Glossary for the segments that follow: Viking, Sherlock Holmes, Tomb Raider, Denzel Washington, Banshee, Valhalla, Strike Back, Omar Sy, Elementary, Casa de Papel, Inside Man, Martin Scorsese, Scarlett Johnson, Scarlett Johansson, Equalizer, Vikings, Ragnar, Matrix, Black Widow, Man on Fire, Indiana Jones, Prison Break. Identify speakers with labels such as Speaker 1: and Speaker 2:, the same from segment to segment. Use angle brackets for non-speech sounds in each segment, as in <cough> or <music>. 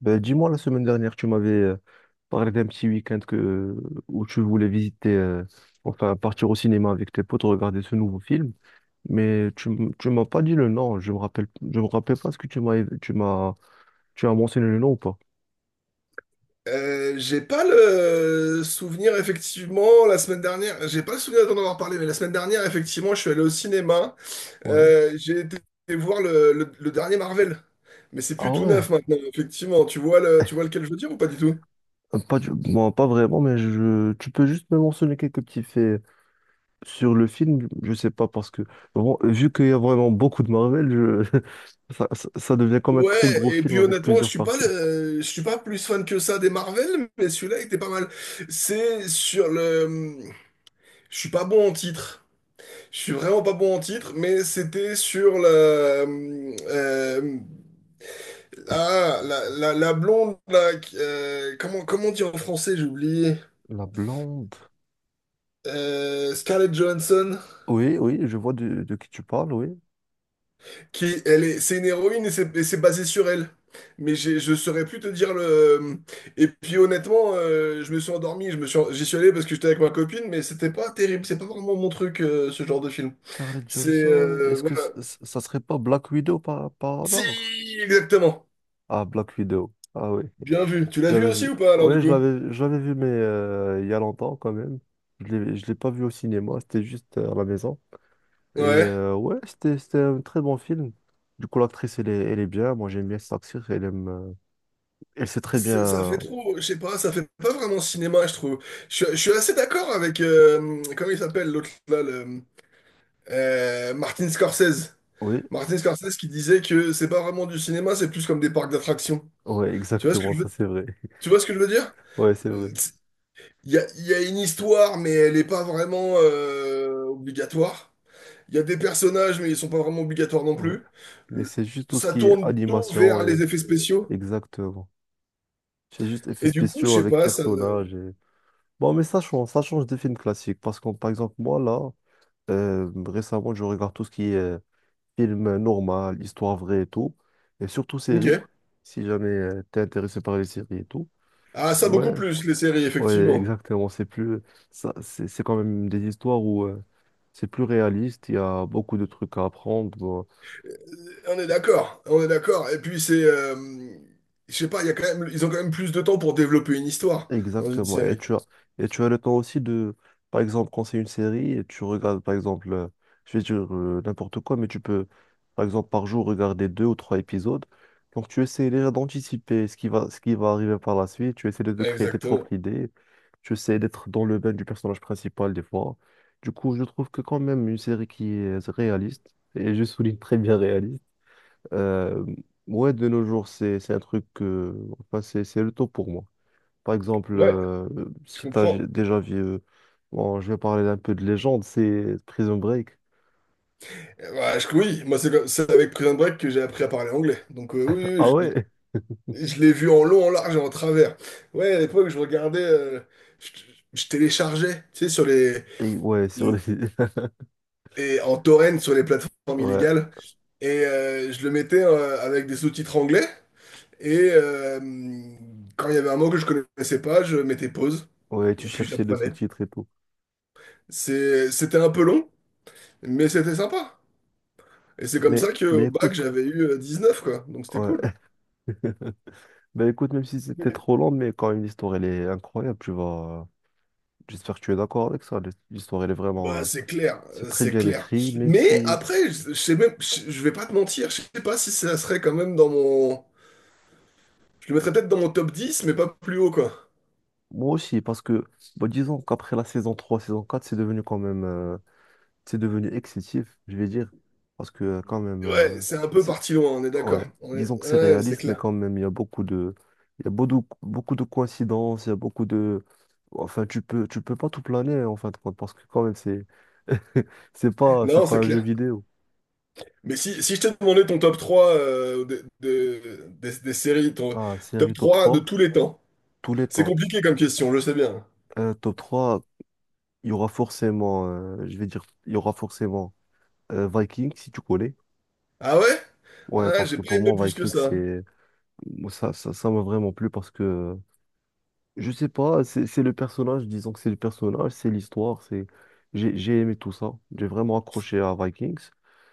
Speaker 1: Ben, dis-moi, la semaine dernière, tu m'avais parlé d'un petit week-end où tu voulais visiter, enfin partir au cinéma avec tes potes, regarder ce nouveau film. Mais tu m'as pas dit le nom, je me rappelle pas ce que tu as mentionné le nom ou pas?
Speaker 2: J'ai pas le souvenir effectivement la semaine dernière, j'ai pas le souvenir d'en avoir parlé, mais la semaine dernière effectivement je suis allé au cinéma.
Speaker 1: Ouais.
Speaker 2: J'ai été voir le dernier Marvel, mais c'est plus
Speaker 1: Ah
Speaker 2: tout
Speaker 1: ouais.
Speaker 2: neuf maintenant effectivement. Tu vois lequel je veux dire ou pas du tout?
Speaker 1: Pas, du- Bon, pas vraiment, mais tu peux juste me mentionner quelques petits faits sur le film. Je sais pas, parce que bon, vu qu'il y a vraiment beaucoup de Marvel, <laughs> ça devient comme un
Speaker 2: Ouais,
Speaker 1: très gros
Speaker 2: et
Speaker 1: film
Speaker 2: puis
Speaker 1: avec
Speaker 2: honnêtement,
Speaker 1: plusieurs parties.
Speaker 2: je suis pas plus fan que ça des Marvel, mais celui-là était pas mal. C'est sur le, je suis pas bon en titre. Je suis vraiment pas bon en titre, mais c'était sur le, ah, la blonde, là, comment, comment dire en français, j'ai oublié.
Speaker 1: La blonde.
Speaker 2: Scarlett Johansson,
Speaker 1: Oui, oui, je vois de qui tu parles, oui.
Speaker 2: qui, elle est, c'est une héroïne et c'est basé sur elle. Mais je saurais plus te dire le. Et puis honnêtement, je me suis endormi, je me suis, en- j'y suis allé parce que j'étais avec ma copine, mais c'était pas terrible, c'est pas vraiment mon truc, ce genre de film.
Speaker 1: Scarlett
Speaker 2: C'est
Speaker 1: Johnson, est-ce que
Speaker 2: voilà.
Speaker 1: ça serait pas Black Widow par hasard?
Speaker 2: Si, exactement.
Speaker 1: Ah, Black Widow. Ah oui,
Speaker 2: Bien vu. Tu l'as vu
Speaker 1: j'avais
Speaker 2: aussi
Speaker 1: vu.
Speaker 2: ou pas alors du
Speaker 1: Oui,
Speaker 2: coup?
Speaker 1: je l'avais vu, mais il y a longtemps quand même. Je l'ai pas vu au cinéma, c'était juste à la maison. Et
Speaker 2: Ouais.
Speaker 1: ouais, c'était un très bon film. Du coup, l'actrice, elle est bien. Moi, j'aime bien cette actrice. Elle elle sait très
Speaker 2: Ça
Speaker 1: bien.
Speaker 2: fait trop, je sais pas, ça fait pas vraiment cinéma, je trouve. Je suis assez d'accord avec, comment il s'appelle l'autre là, Martin Scorsese.
Speaker 1: Oui,
Speaker 2: Martin Scorsese qui disait que c'est pas vraiment du cinéma, c'est plus comme des parcs d'attractions.
Speaker 1: ouais,
Speaker 2: Tu vois ce que
Speaker 1: exactement,
Speaker 2: je veux,
Speaker 1: ça c'est vrai. <laughs>
Speaker 2: tu vois ce que je veux dire?
Speaker 1: Ouais, c'est vrai.
Speaker 2: Il il y a une histoire, mais elle est pas vraiment obligatoire. Il y a des personnages, mais ils sont pas vraiment obligatoires non
Speaker 1: Ouais.
Speaker 2: plus.
Speaker 1: Mais c'est juste tout ce
Speaker 2: Ça
Speaker 1: qui est
Speaker 2: tourne tout
Speaker 1: animation
Speaker 2: vers
Speaker 1: et
Speaker 2: les effets spéciaux.
Speaker 1: exactement. C'est juste effets
Speaker 2: Et du coup, je
Speaker 1: spéciaux
Speaker 2: sais
Speaker 1: avec
Speaker 2: pas, ça...
Speaker 1: personnages. Bon, mais ça change des films classiques. Parce que, par exemple, moi, là, récemment, je regarde tout ce qui est film normal, histoire vraie et tout. Et surtout séries,
Speaker 2: Ok.
Speaker 1: si jamais t'es intéressé par les séries et tout.
Speaker 2: Ah, ça
Speaker 1: Ouais,
Speaker 2: beaucoup plus, les séries,
Speaker 1: ouais,
Speaker 2: effectivement.
Speaker 1: exactement. C'est plus, ça, c'est quand même des histoires où c'est plus réaliste. Il y a beaucoup de trucs à apprendre.
Speaker 2: On est d'accord, on est d'accord. Et puis c'est, je sais pas, il y a quand même, ils ont quand même plus de temps pour développer une histoire dans une
Speaker 1: Exactement. Et
Speaker 2: série.
Speaker 1: tu as, et tu as le temps aussi de, par exemple, quand c'est une série, et tu regardes, par exemple, je vais dire n'importe quoi, mais tu peux, par exemple, par jour, regarder deux ou trois épisodes. Donc, tu essaies déjà d'anticiper ce qui va arriver par la suite. Tu essaies de créer tes propres
Speaker 2: Exactement.
Speaker 1: idées. Tu essaies d'être dans le bain du personnage principal des fois. Du coup, je trouve que quand même une série qui est réaliste, et je souligne très bien réaliste, euh, ouais, de nos jours, c'est un truc que, enfin, c'est le top pour moi. Par exemple,
Speaker 2: Ouais, je
Speaker 1: si tu as
Speaker 2: comprends.
Speaker 1: déjà vu, bon, je vais parler un peu de légende, c'est Prison Break.
Speaker 2: Bah, oui, moi c'est avec Prison Break que j'ai appris à parler anglais. Donc oui,
Speaker 1: Ah
Speaker 2: oui,
Speaker 1: ouais?
Speaker 2: je l'ai vu en long, en large et en travers. Ouais, à l'époque je regardais, je, je téléchargeais, tu sais, sur les,
Speaker 1: Et ouais, sur
Speaker 2: les-
Speaker 1: les. <laughs>
Speaker 2: et en torrent sur les plateformes
Speaker 1: Ouais,
Speaker 2: illégales et je le mettais avec des sous-titres anglais. Et quand il y avait un mot que je connaissais pas, je mettais pause
Speaker 1: ouais, tu
Speaker 2: et puis
Speaker 1: cherchais le
Speaker 2: j'apprenais.
Speaker 1: sous-titre et tout.
Speaker 2: C'était un peu long, mais c'était sympa. Et c'est comme
Speaker 1: Mais,
Speaker 2: ça que
Speaker 1: mais
Speaker 2: au bac,
Speaker 1: écoute,
Speaker 2: j'avais eu 9 quoi. Donc c'était
Speaker 1: ouais.
Speaker 2: cool.
Speaker 1: <laughs> Ben écoute, même si c'était trop long, mais quand même, l'histoire, elle est incroyable. Tu vas. J'espère que tu es d'accord avec ça. L'histoire, elle est vraiment.
Speaker 2: Bah, c'est clair,
Speaker 1: C'est très
Speaker 2: c'est
Speaker 1: bien
Speaker 2: clair.
Speaker 1: écrit, même
Speaker 2: Mais
Speaker 1: si.
Speaker 2: après, je vais pas te mentir, je sais pas si ça serait quand même dans mon. Je le mettrais peut-être dans mon top 10, mais pas plus haut, quoi.
Speaker 1: Moi aussi, parce que, bon, disons qu'après la saison 3, saison 4, c'est devenu quand même. C'est devenu excessif, je vais dire, parce que quand même,
Speaker 2: Ouais, c'est un peu
Speaker 1: c'est,
Speaker 2: parti loin, on est
Speaker 1: ouais,
Speaker 2: d'accord.
Speaker 1: disons que c'est
Speaker 2: Ouais, c'est
Speaker 1: réaliste, mais
Speaker 2: clair.
Speaker 1: quand même, il y a beaucoup, beaucoup de coïncidences, il y a beaucoup de, enfin, tu peux pas tout planer en fin de compte, parce que quand même, <laughs> c'est
Speaker 2: Non,
Speaker 1: pas
Speaker 2: c'est
Speaker 1: un jeu
Speaker 2: clair.
Speaker 1: vidéo.
Speaker 2: Mais si, si je t'ai demandé ton top 3 des séries, ton
Speaker 1: Ah,
Speaker 2: top
Speaker 1: série top
Speaker 2: 3 de
Speaker 1: 3
Speaker 2: tous les temps,
Speaker 1: tous les
Speaker 2: c'est
Speaker 1: temps.
Speaker 2: compliqué comme question, je sais bien.
Speaker 1: Top 3 il y aura forcément, je vais dire, il y aura forcément Vikings, si tu connais.
Speaker 2: Ah ouais?
Speaker 1: Ouais,
Speaker 2: Ah,
Speaker 1: parce
Speaker 2: j'ai
Speaker 1: que
Speaker 2: pas
Speaker 1: pour
Speaker 2: aimé
Speaker 1: moi,
Speaker 2: plus que
Speaker 1: Vikings,
Speaker 2: ça.
Speaker 1: c'est, moi, ça m'a vraiment plu parce que je sais pas, c'est le personnage, disons que c'est le personnage, c'est l'histoire, c'est j'ai aimé tout ça. J'ai vraiment accroché à Vikings.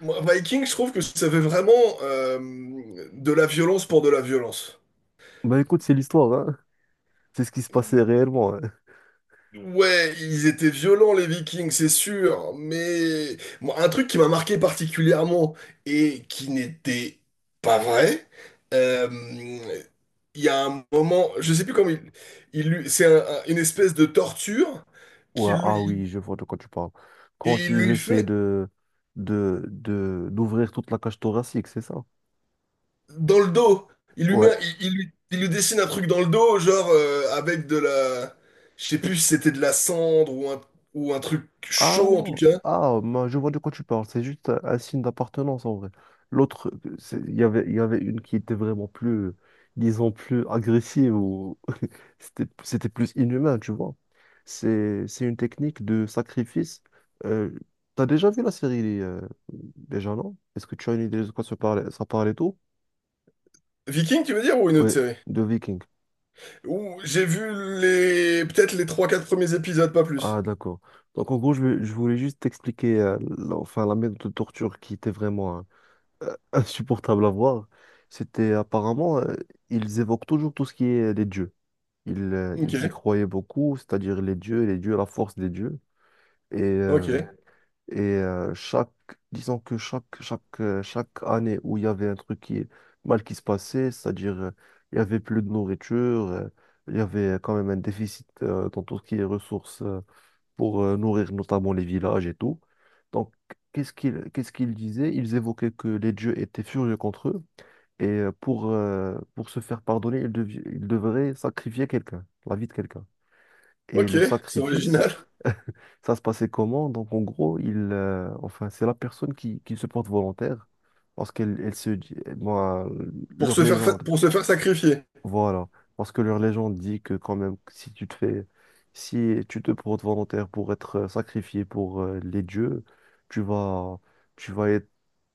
Speaker 2: Moi, Viking, je trouve que ça fait vraiment euh, de la violence pour de la violence.
Speaker 1: Bah écoute, c'est l'histoire, hein. C'est ce qui se passait réellement, hein.
Speaker 2: Ouais, ils étaient violents les Vikings, c'est sûr, mais moi, un truc qui m'a marqué particulièrement et qui n'était pas vrai, euh, il y a un moment, je sais plus comment c'est une espèce de torture
Speaker 1: Ouais,
Speaker 2: qu'il
Speaker 1: ah
Speaker 2: lui
Speaker 1: oui, je vois de quoi tu parles.
Speaker 2: et
Speaker 1: Quand
Speaker 2: il
Speaker 1: ils
Speaker 2: lui
Speaker 1: essaient
Speaker 2: fait
Speaker 1: de d'ouvrir toute la cage thoracique, c'est ça?
Speaker 2: dans le dos, il lui met,
Speaker 1: Ouais.
Speaker 2: il lui dessine un truc dans le dos, genre avec de la, je sais plus si c'était de la cendre ou un truc
Speaker 1: Ah
Speaker 2: chaud en tout
Speaker 1: non,
Speaker 2: cas.
Speaker 1: ah, moi, je vois de quoi tu parles, c'est juste un signe d'appartenance en vrai. L'autre, il y avait une qui était vraiment plus, disons, plus agressive ou <laughs> c'était plus inhumain, tu vois. C'est une technique de sacrifice. Euh, T'as déjà vu la série, déjà, non? Est-ce que tu as une idée de quoi ça parlait tout?
Speaker 2: Viking, tu veux dire ou une autre
Speaker 1: Oui,
Speaker 2: série?
Speaker 1: de Viking.
Speaker 2: Ouh, j'ai vu les peut-être les trois quatre premiers épisodes, pas
Speaker 1: Ah,
Speaker 2: plus.
Speaker 1: d'accord. Donc, en gros, je voulais juste t'expliquer enfin, la méthode de torture qui était vraiment, hein, insupportable à voir, c'était apparemment, ils évoquent toujours tout ce qui est les dieux.
Speaker 2: Ok,
Speaker 1: Ils y croyaient beaucoup, c'est-à-dire les dieux, la force des dieux. Et, euh,
Speaker 2: ok,
Speaker 1: et disons que chaque année où il y avait mal qui se passait, c'est-à-dire il y avait plus de nourriture, il y avait quand même un déficit dans tout ce qui est ressources pour nourrir notamment les villages et tout. Donc, qu'est-ce qu'ils disaient? Ils évoquaient que les dieux étaient furieux contre eux et pour se faire pardonner, il devrait sacrifier quelqu'un, la vie de quelqu'un. Et
Speaker 2: ok,
Speaker 1: le
Speaker 2: c'est
Speaker 1: sacrifice,
Speaker 2: original.
Speaker 1: <laughs> ça se passait comment? Donc en gros, enfin, c'est la personne qui se porte volontaire parce qu'elle se dit, moi, leur légende.
Speaker 2: Pour se faire sacrifier.
Speaker 1: Voilà, parce que leur légende dit que quand même, si tu te portes volontaire pour être sacrifié pour les dieux, tu vas, tu vas être,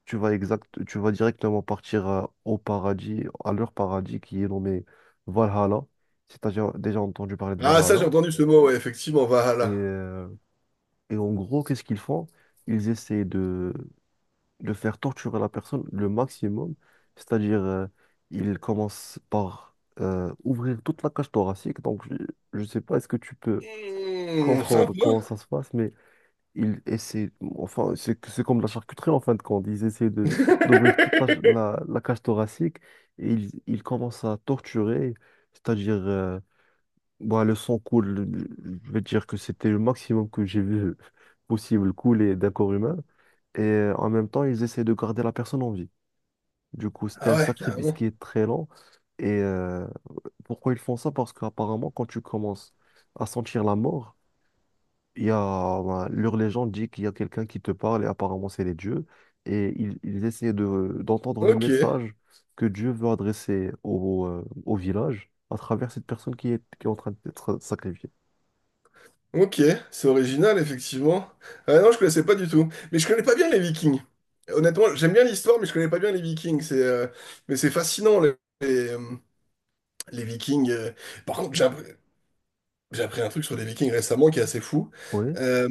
Speaker 1: tu vas exact, tu vas directement partir au paradis, à leur paradis qui est nommé Valhalla. Si tu as déjà entendu parler de
Speaker 2: Ah, ça, j'ai
Speaker 1: Valhalla.
Speaker 2: entendu ce mot, ouais, effectivement,
Speaker 1: Et,
Speaker 2: Valhalla.
Speaker 1: euh, et en gros, qu'est-ce qu'ils font? Ils essaient de faire torturer la personne le maximum, c'est-à-dire il commence par ouvrir toute la cage thoracique, donc je ne sais pas est-ce que tu peux
Speaker 2: Hmm, sympa.
Speaker 1: comprendre comment ça se passe, mais il essaie, enfin c'est comme la charcuterie en fin de compte, ils essaient de d'ouvrir toute la cage thoracique et ils commencent à torturer, c'est-à-dire bah, le sang coule, je vais te dire que c'était le maximum que j'ai vu <laughs> possible couler d'un corps humain. Et en même temps, ils essaient de garder la personne en vie. Du coup, c'était
Speaker 2: Ah
Speaker 1: un
Speaker 2: ouais,
Speaker 1: sacrifice
Speaker 2: carrément.
Speaker 1: qui est très long. Et pourquoi ils font ça? Parce qu'apparemment, quand tu commences à sentir la mort, il y a ben, leur légende dit qu'il y a quelqu'un qui te parle et apparemment c'est les dieux. Et ils essaient d'entendre le
Speaker 2: Ok,
Speaker 1: message que Dieu veut adresser au village à travers cette personne qui est en train d'être sacrifiée.
Speaker 2: ok, c'est original, effectivement. Ah non, je connaissais pas du tout. Mais je connais pas bien les Vikings. Honnêtement, j'aime bien l'histoire, mais je connais pas bien les Vikings. C'est, mais c'est fascinant, les, euh, les Vikings. Par contre, j'ai appris un truc sur les Vikings récemment qui est assez fou.
Speaker 1: Oui,
Speaker 2: Euh,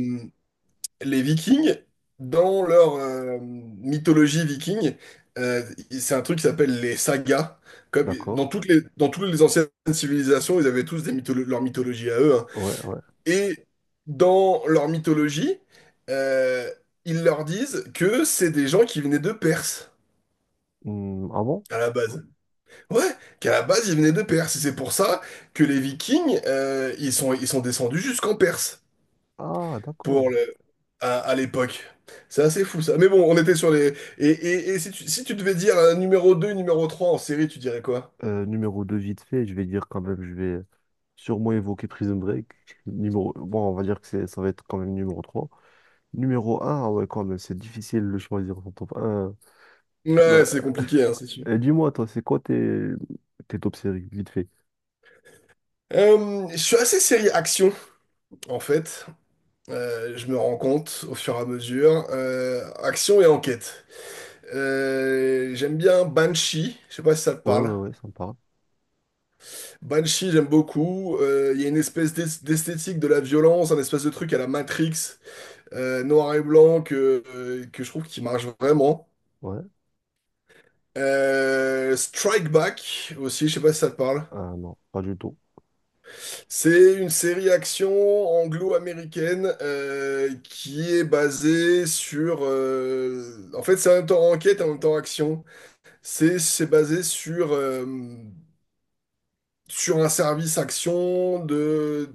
Speaker 2: les Vikings, dans leur mythologie viking, euh, c'est un truc qui s'appelle les sagas. Comme,
Speaker 1: d'accord.
Speaker 2: dans toutes les anciennes civilisations, ils avaient tous des leur mythologie à eux, hein.
Speaker 1: Ouais, ouais.
Speaker 2: Et dans leur mythologie, euh, ils leur disent que c'est des gens qui venaient de Perse.
Speaker 1: Ah bon?
Speaker 2: À la base. Ouais, qu'à la base, ils venaient de Perse. Et c'est pour ça que les Vikings, ils sont descendus jusqu'en Perse
Speaker 1: Ah,
Speaker 2: pour
Speaker 1: d'accord.
Speaker 2: le à l'époque. C'est assez fou ça. Mais bon, on était sur les. Et si tu, si tu devais dire un numéro 2 numéro 3 en série, tu dirais quoi?
Speaker 1: Numéro 2 vite fait, je vais dire quand même, je vais sûrement évoquer Prison Break. <laughs> Numéro. Bon, on va dire que ça va être quand même numéro trois. Numéro 1, ouais, quand même, c'est difficile de choisir son top un. Bah,
Speaker 2: Ouais, c'est compliqué, hein, c'est sûr.
Speaker 1: dis-moi, toi, c'est quoi tes top séries, vite fait?
Speaker 2: Je suis assez série action, en fait. Je me rends compte au fur et à mesure. Action et enquête. J'aime bien Banshee. Je sais pas si ça te
Speaker 1: Ouais, ouais,
Speaker 2: parle.
Speaker 1: ouais, sympa.
Speaker 2: Banshee, j'aime beaucoup. Il y a une d'esthétique de la violence, un espèce de truc à la Matrix, noir et blanc, que je trouve qui marche vraiment.
Speaker 1: Ouais.
Speaker 2: Strike Back aussi, je sais pas si ça te parle.
Speaker 1: Ah non, pas du tout.
Speaker 2: C'est une série action anglo-américaine qui est basée sur, en fait, c'est en même temps enquête et en même temps action. C'est basé sur sur un service action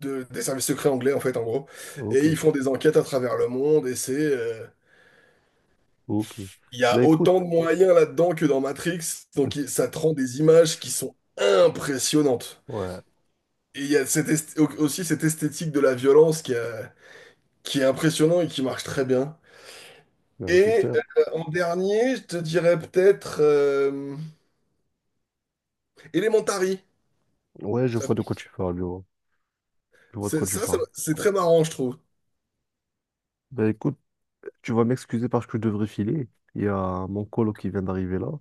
Speaker 2: de des services secrets anglais en fait en gros.
Speaker 1: Ok,
Speaker 2: Et ils font des enquêtes à travers le monde et c'est
Speaker 1: ok.
Speaker 2: il y
Speaker 1: Bah
Speaker 2: a
Speaker 1: écoute,
Speaker 2: autant de
Speaker 1: <laughs>
Speaker 2: moyens là-dedans que dans Matrix. Donc ça te rend des images qui sont impressionnantes.
Speaker 1: Ouais,
Speaker 2: Et il y a cette aussi cette esthétique de la violence qui est impressionnante et qui marche très bien.
Speaker 1: ben,
Speaker 2: Et
Speaker 1: super.
Speaker 2: en dernier, je te dirais peut-être Elementary.
Speaker 1: Ouais, je
Speaker 2: Ça,
Speaker 1: vois de quoi tu parles, je vois. Je vois de quoi tu parles.
Speaker 2: c'est très marrant, je trouve.
Speaker 1: Ben écoute, tu vas m'excuser parce que je devrais filer. Il y a mon colo qui vient d'arriver là.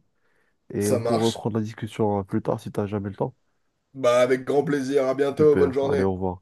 Speaker 1: Et on
Speaker 2: Ça
Speaker 1: pourra
Speaker 2: marche.
Speaker 1: reprendre la discussion plus tard si t'as jamais le temps.
Speaker 2: Bah, avec grand plaisir. À bientôt. Bonne
Speaker 1: Super, allez,
Speaker 2: journée.
Speaker 1: au revoir.